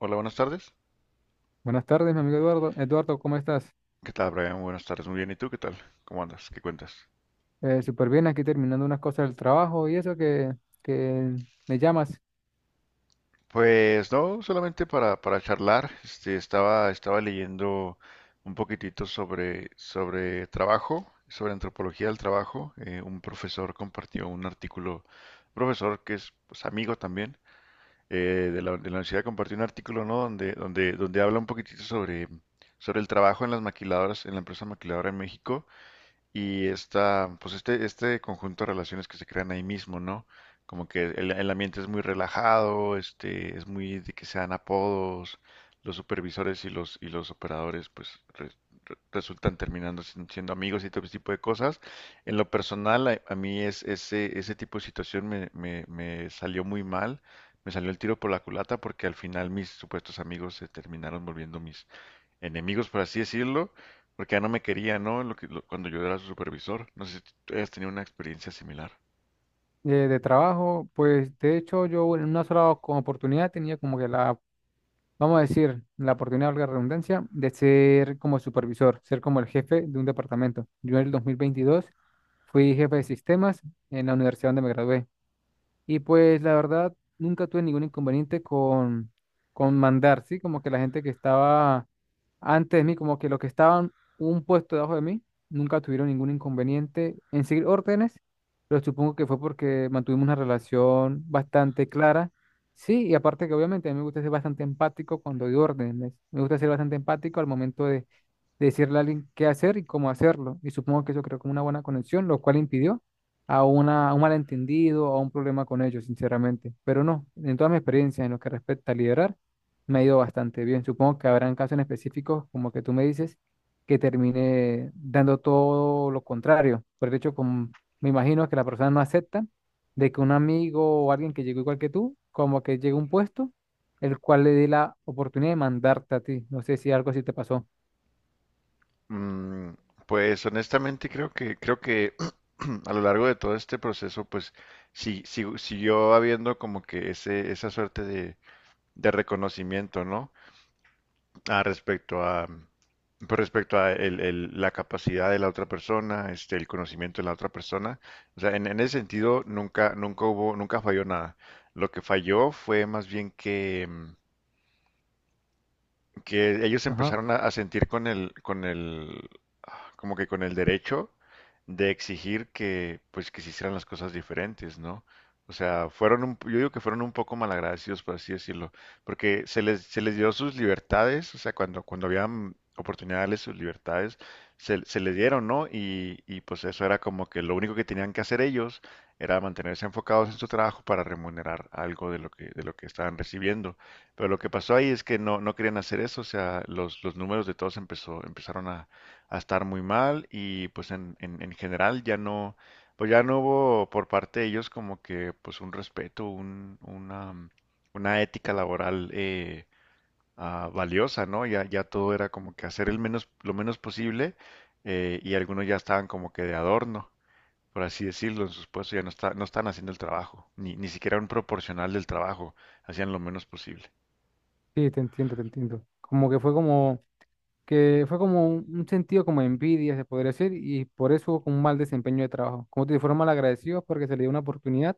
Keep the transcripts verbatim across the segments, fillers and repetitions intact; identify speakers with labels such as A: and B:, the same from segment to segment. A: Hola, buenas tardes.
B: Buenas tardes, mi amigo Eduardo. Eduardo, ¿cómo estás?
A: ¿Qué tal, Brian? Buenas tardes. Muy bien. ¿Y tú qué tal? ¿Cómo andas? ¿Qué cuentas?
B: Eh, súper bien, aquí terminando unas cosas del trabajo y eso que, que me llamas
A: Pues no, solamente para, para charlar. Este, estaba, estaba leyendo un poquitito sobre, sobre trabajo, sobre antropología del trabajo. Eh, un profesor compartió un artículo, un profesor que es, pues, amigo también eh, de la, de la universidad, compartió un artículo, ¿no? Donde, donde, donde habla un poquitito sobre, sobre el trabajo en las maquiladoras, en la empresa maquiladora en México, y esta, pues este, este conjunto de relaciones que se crean ahí mismo, ¿no? Como que el, el ambiente es muy relajado, este, es muy de que se dan apodos, los supervisores y los, y los operadores, pues re- re- resultan terminando sin- siendo amigos y todo ese tipo de cosas. En lo personal, a, a mí es, ese, ese tipo de situación me, me, me salió muy mal, me salió el tiro por la culata porque al final mis supuestos amigos se terminaron volviendo enemigos, por así decirlo, porque ya no me quería, ¿no? Lo que- lo- cuando yo era su supervisor. No sé si tú has tenido una experiencia similar.
B: eh, de trabajo. Pues de hecho yo en una sola como oportunidad tenía como que la, vamos a decir, la oportunidad, valga la redundancia, de ser como supervisor, ser como el jefe de un departamento. Yo en el dos mil veintidós fui jefe de sistemas en la universidad donde me gradué. Y pues la verdad, nunca tuve ningún inconveniente con, con mandar, ¿sí? Como que la gente que estaba antes de mí, como que los que estaban un puesto debajo de mí, nunca tuvieron ningún inconveniente en seguir órdenes, pero supongo que fue porque mantuvimos una relación bastante clara. Sí, y aparte que obviamente a mí me gusta ser bastante empático cuando doy órdenes, me gusta ser bastante empático al momento de, de decirle a alguien qué hacer y cómo hacerlo, y supongo que eso creó como una buena conexión, lo cual impidió a, una, a un malentendido, a un problema con ellos, sinceramente, pero no, en toda mi experiencia en lo que respecta a liderar. Me ha ido bastante bien. Supongo que habrán casos en específicos, como que tú me dices, que termine dando todo lo contrario. Por el hecho, como me imagino que la persona no acepta de que un amigo o alguien que llegó igual que tú, como que llegue a un puesto, el cual le dé la oportunidad de mandarte a ti. No sé si algo así te pasó.
A: Mm, pues honestamente creo que creo que a lo largo de todo este proceso, pues sí, sí- siguió habiendo como que ese esa suerte de, de reconocimiento, ¿no? Ah, respecto a, pero respecto a el- el- la capacidad de la otra persona, este, el conocimiento de la otra persona, o sea, en, en ese sentido nunca, nunca hubo, nunca falló nada. Lo que falló fue más bien que, mm, que ellos
B: Ajá.
A: empezaron a, a sentir con el, con el, como que con el derecho de exigir que, pues, que se hicieran las cosas diferentes, ¿no? O sea, fueron un, yo digo que fueron un poco malagradecidos, por así decirlo, porque se les, se les dio sus libertades, o sea, cuando, cuando habían oportunidad de darles sus libertades, se, se les dieron, ¿no? Y, y pues eso era como que lo único que tenían que hacer ellos era mantenerse enfocados en su trabajo para remunerar algo de lo que, de lo que estaban recibiendo. Pero lo que pasó ahí es que no, no querían hacer eso, o sea, los, los números de todos empezó, empezaron a, a estar muy mal, y pues en, en, en general ya no, pues ya no hubo por parte de ellos como que, pues, un respeto, un, una, mm, una ética laboral, eh, ah, valiosa, ¿no? Ya, ya todo era como que hacer el menos, lo menos posible, eh, y algunos ya estaban como que de adorno, por así decirlo, en sus puestos, ya no, está, no están haciendo el trabajo, ni, ni siquiera un proporcional del trabajo, hacían lo menos posible.
B: Sí, te entiendo, te entiendo. Como que fue como que fue como un, un sentido como de envidia, se podría decir, y por eso hubo como un mal desempeño de trabajo. Como te informan mal agradecidos porque se le dio una oportunidad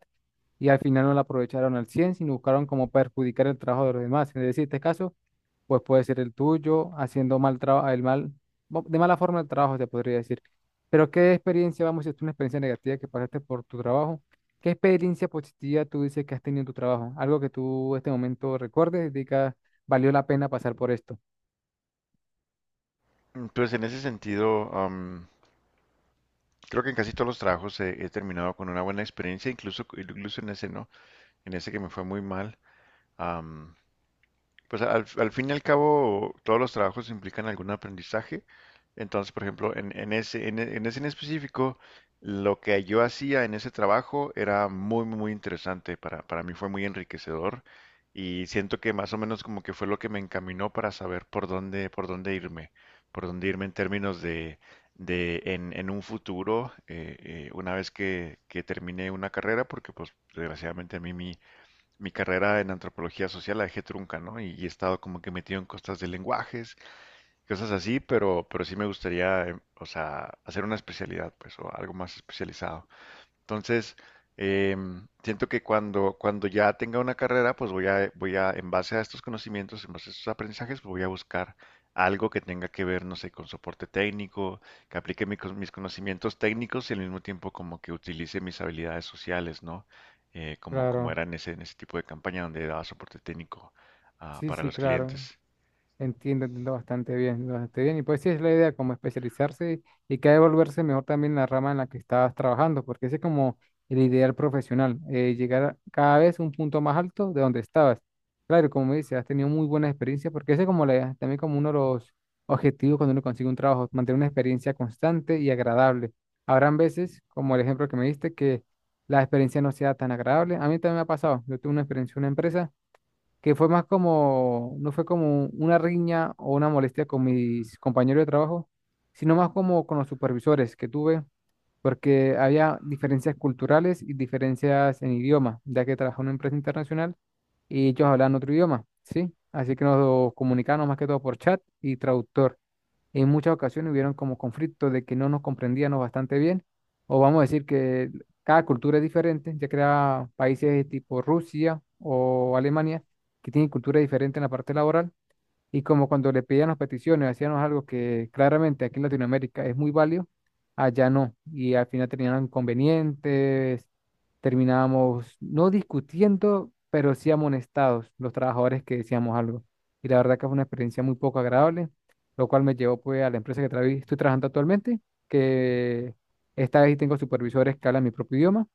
B: y al final no la aprovecharon al cien sino buscaron como perjudicar el trabajo de los demás. Es decir, este caso, pues puede ser el tuyo, haciendo mal trabajo, el mal, mo- de mala forma el trabajo, se podría decir. Pero ¿qué experiencia, vamos, si es una experiencia negativa que pasaste por tu trabajo? ¿Qué experiencia positiva tú dices que has tenido en tu trabajo? Algo que tú en este momento recuerdes y digas, valió la pena pasar por esto.
A: Entonces, en ese sentido, creo que en casi todos los trabajos he, he terminado con una buena experiencia, incluso, incluso en ese no, en ese que me fue muy mal. am, pues al, al fin y al cabo, todos los trabajos implican algún aprendizaje. Entonces, por ejemplo, en, en ese, en, e- en ese en específico, lo que yo hacía en ese trabajo era muy, muy muy interesante. Para, para mí fue muy enriquecedor y siento que más o menos como que fue lo que me encaminó para saber por dónde, por dónde irme, por dónde irme en términos de, de en, en un futuro, eh, eh, una vez que, que termine una carrera, porque pues desgraciadamente a mí mi carrera en antropología social la dejé trunca, ¿no? Y, y he estado como que metido en cosas de lenguajes, cosas así, pero, pero sí me gustaría, eh, o sea, hacer una especialidad, pues, o algo más especializado. Entonces, eh, siento que cuando, cuando ya tenga una carrera, pues voy a, voy a, en base a estos conocimientos, en base a estos aprendizajes, pues voy a buscar algo que tenga que ver, no sé, con soporte técnico, que aplique mi cos- mis conocimientos técnicos y al mismo tiempo como que utilice mis habilidades sociales, ¿no? Eh, como, como
B: Claro.
A: era en ese, en ese tipo de campaña donde daba soporte técnico, ah,
B: Sí,
A: para
B: sí,
A: los
B: claro.
A: clientes.
B: Entiendo, entiendo bastante bien, entiendo bastante bien. Y pues sí es la idea, como especializarse y que volverse mejor también en la rama en la que estás trabajando, porque ese es como el ideal profesional, eh, llegar a cada vez un punto más alto de donde estabas. Claro, como me dices, has tenido muy buena experiencia, porque ese es como la, también como uno de los objetivos cuando uno consigue un trabajo, mantener una experiencia constante y agradable. Habrán veces, como el ejemplo que me diste, que la experiencia no sea tan agradable. A mí también me ha pasado. Yo tuve una experiencia en una empresa que fue más como, no fue como una riña o una molestia con mis compañeros de trabajo, sino más como con los supervisores que tuve, porque había diferencias culturales y diferencias en idioma, ya que trabajaba en una empresa internacional y ellos hablaban otro idioma, ¿sí? Así que nos comunicábamos más que todo por chat y traductor. En muchas ocasiones hubieron como conflictos de que no nos comprendíamos bastante bien, o vamos a decir que cada cultura es diferente, ya que era países de tipo Rusia o Alemania, que tienen cultura diferente en la parte laboral, y como cuando le pedían las peticiones, hacíamos algo que claramente aquí en Latinoamérica es muy válido, allá no. Y al final terminaron inconvenientes, terminábamos no discutiendo, pero sí amonestados los trabajadores que decíamos algo. Y la verdad que fue una experiencia muy poco agradable, lo cual me llevó pues a la empresa que travi- estoy trabajando actualmente, que esta vez sí tengo supervisores que hablan mi propio idioma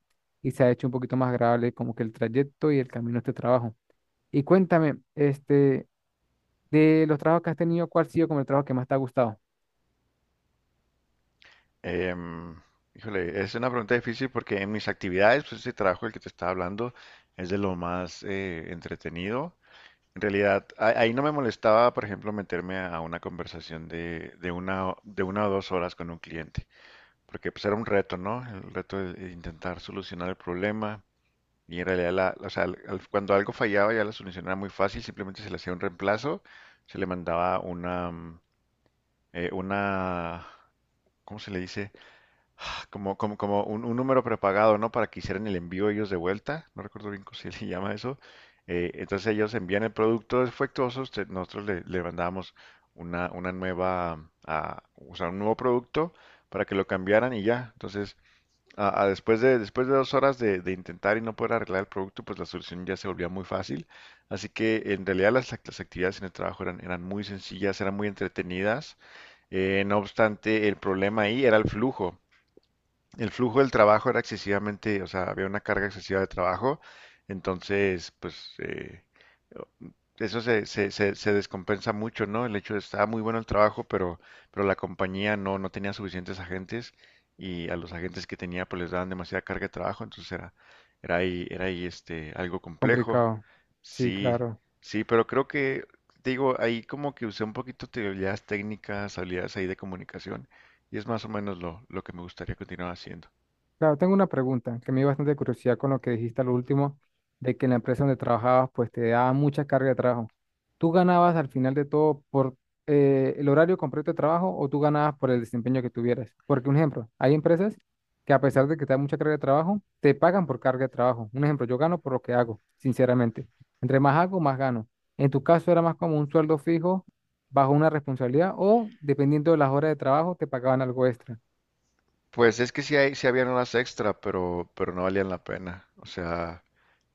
B: y se ha hecho un poquito más agradable como que el trayecto y el camino de este trabajo. Y cuéntame, este, de los trabajos que has tenido, ¿cuál ha sido como el trabajo que más te ha gustado?
A: Em, Híjole, es una pregunta difícil porque en mis actividades, pues este trabajo del que te estaba hablando es de lo más, eh, entretenido. En realidad, a- ahí no me molestaba, por ejemplo, meterme a una conversación de, de una, o- de una o dos horas con un cliente, porque pues era un reto, ¿no? El reto de, de intentar solucionar el problema. Y en realidad, la, o sea, al- al- cuando algo fallaba, ya la solución era muy fácil, simplemente se le hacía un reemplazo, se le mandaba una, mm, eh, una, ¿cómo se le dice? Como, como, como un, un número prepagado, ¿no? Para que hicieran el envío ellos de vuelta. No recuerdo bien cómo se le llama eso. Eh, entonces ellos envían el producto defectuoso. Usted- nosotros le, le mandamos una, una nueva, ah, o sea, un nuevo producto para que lo cambiaran y ya. Entonces, ah, ah, después de, después de dos horas de, de intentar y no poder arreglar el producto, pues la solución ya se volvía muy fácil. Así que en realidad las, act- las actividades en el trabajo eran, eran muy sencillas, eran muy entretenidas. Eh, no obstante, el problema ahí era el flujo, el flujo del trabajo era excesivamente, o sea, había una carga excesiva de trabajo, entonces, pues, eh, eso se, se, se, se descompensa mucho, ¿no? El hecho de estaba muy bueno el trabajo, pero, pero la compañía no, no tenía suficientes agentes, y a los agentes que tenía, pues, les daban demasiada carga de trabajo, entonces era, era ahí, era ahí, este, algo complejo.
B: Complicado. Sí,
A: Sí,
B: claro.
A: sí, pero creo que, te digo, ahí como que usé un poquito de habilidades técnicas, habilidades ahí de comunicación, y es más o menos lo, lo que me gustaría continuar haciendo.
B: Claro, tengo una pregunta que me dio bastante curiosidad con lo que dijiste al último, de que en la empresa donde trabajabas, pues te daba mucha carga de trabajo. ¿Tú ganabas al final de todo por eh, el horario completo de trabajo o tú ganabas por el desempeño que tuvieras? Porque, un ejemplo, hay empresas que a pesar de que te dan mucha carga de trabajo, te pagan por carga de trabajo. Un ejemplo, yo gano por lo que hago, sinceramente. Entre más hago, más gano. En tu caso era más como un sueldo fijo bajo una responsabilidad o, dependiendo de las horas de trabajo, te pagaban algo extra.
A: Pues es que sí, hay, sí habían horas extra, pero, pero no valían la pena. O sea,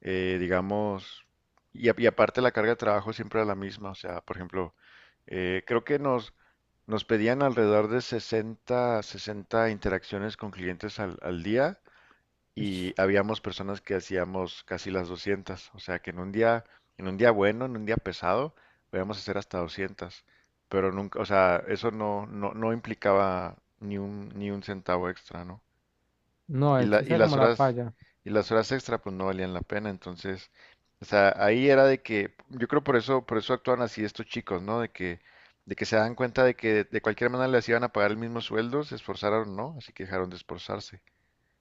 A: eh, digamos, y, a- y aparte la carga de trabajo siempre era la misma. O sea, por ejemplo, eh, creo que nos, nos pedían alrededor de sesenta, sesenta interacciones con clientes al, al día,
B: Uish.
A: y habíamos personas que hacíamos casi las doscientas, o sea que en un día, en un día bueno, en un día pesado, podíamos hacer hasta doscientas, pero nunca, o sea, eso no, no, no implicaba ni un, ni un centavo extra, ¿no?
B: No,
A: Y la,
B: esa
A: y
B: era
A: las
B: como la
A: horas,
B: falla.
A: y las horas extra pues no valían la pena, entonces, o sea, ahí era de que, yo creo por eso, por eso actúan así estos chicos, ¿no? De que, de que se dan cuenta de que de cualquier manera les iban a pagar el mismo sueldo, se esforzaron, ¿no? Así que dejaron de esforzarse.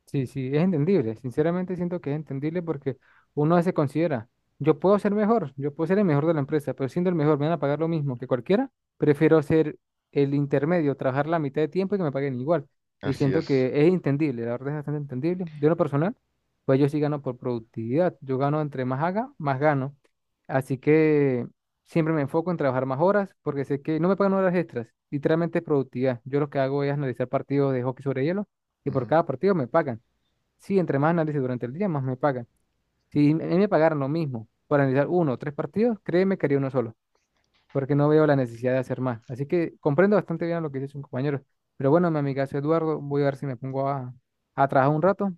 B: Sí, sí, es entendible. Sinceramente siento que es entendible porque uno se considera, yo puedo ser mejor, yo puedo ser el mejor de la empresa, pero siendo el mejor me van a pagar lo mismo que cualquiera. Prefiero ser el intermedio, trabajar la mitad de tiempo y que me paguen igual. Y
A: Así
B: siento que
A: es.
B: es entendible, la verdad es bastante entendible. De lo personal, pues yo sí gano por productividad. Yo gano entre más haga, más gano. Así que siempre me enfoco en trabajar más horas porque sé que no me pagan horas extras. Literalmente es productividad. Yo lo que hago es analizar partidos de hockey sobre hielo y por cada partido me pagan. Sí, entre más análisis durante el día, más me pagan. Si a mí me pagaran lo mismo por analizar uno o tres partidos, créeme que haría uno solo, porque no veo la necesidad de hacer más. Así que comprendo bastante bien lo que dice su compañero. Pero bueno, mi amigazo Eduardo, voy a ver si me pongo a, a trabajar un rato,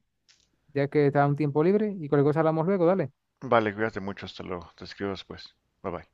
B: ya que está un tiempo libre y cualquier cosa hablamos luego, dale.
A: Vale, cuídate mucho, hasta luego. Te escribo después. Bye bye.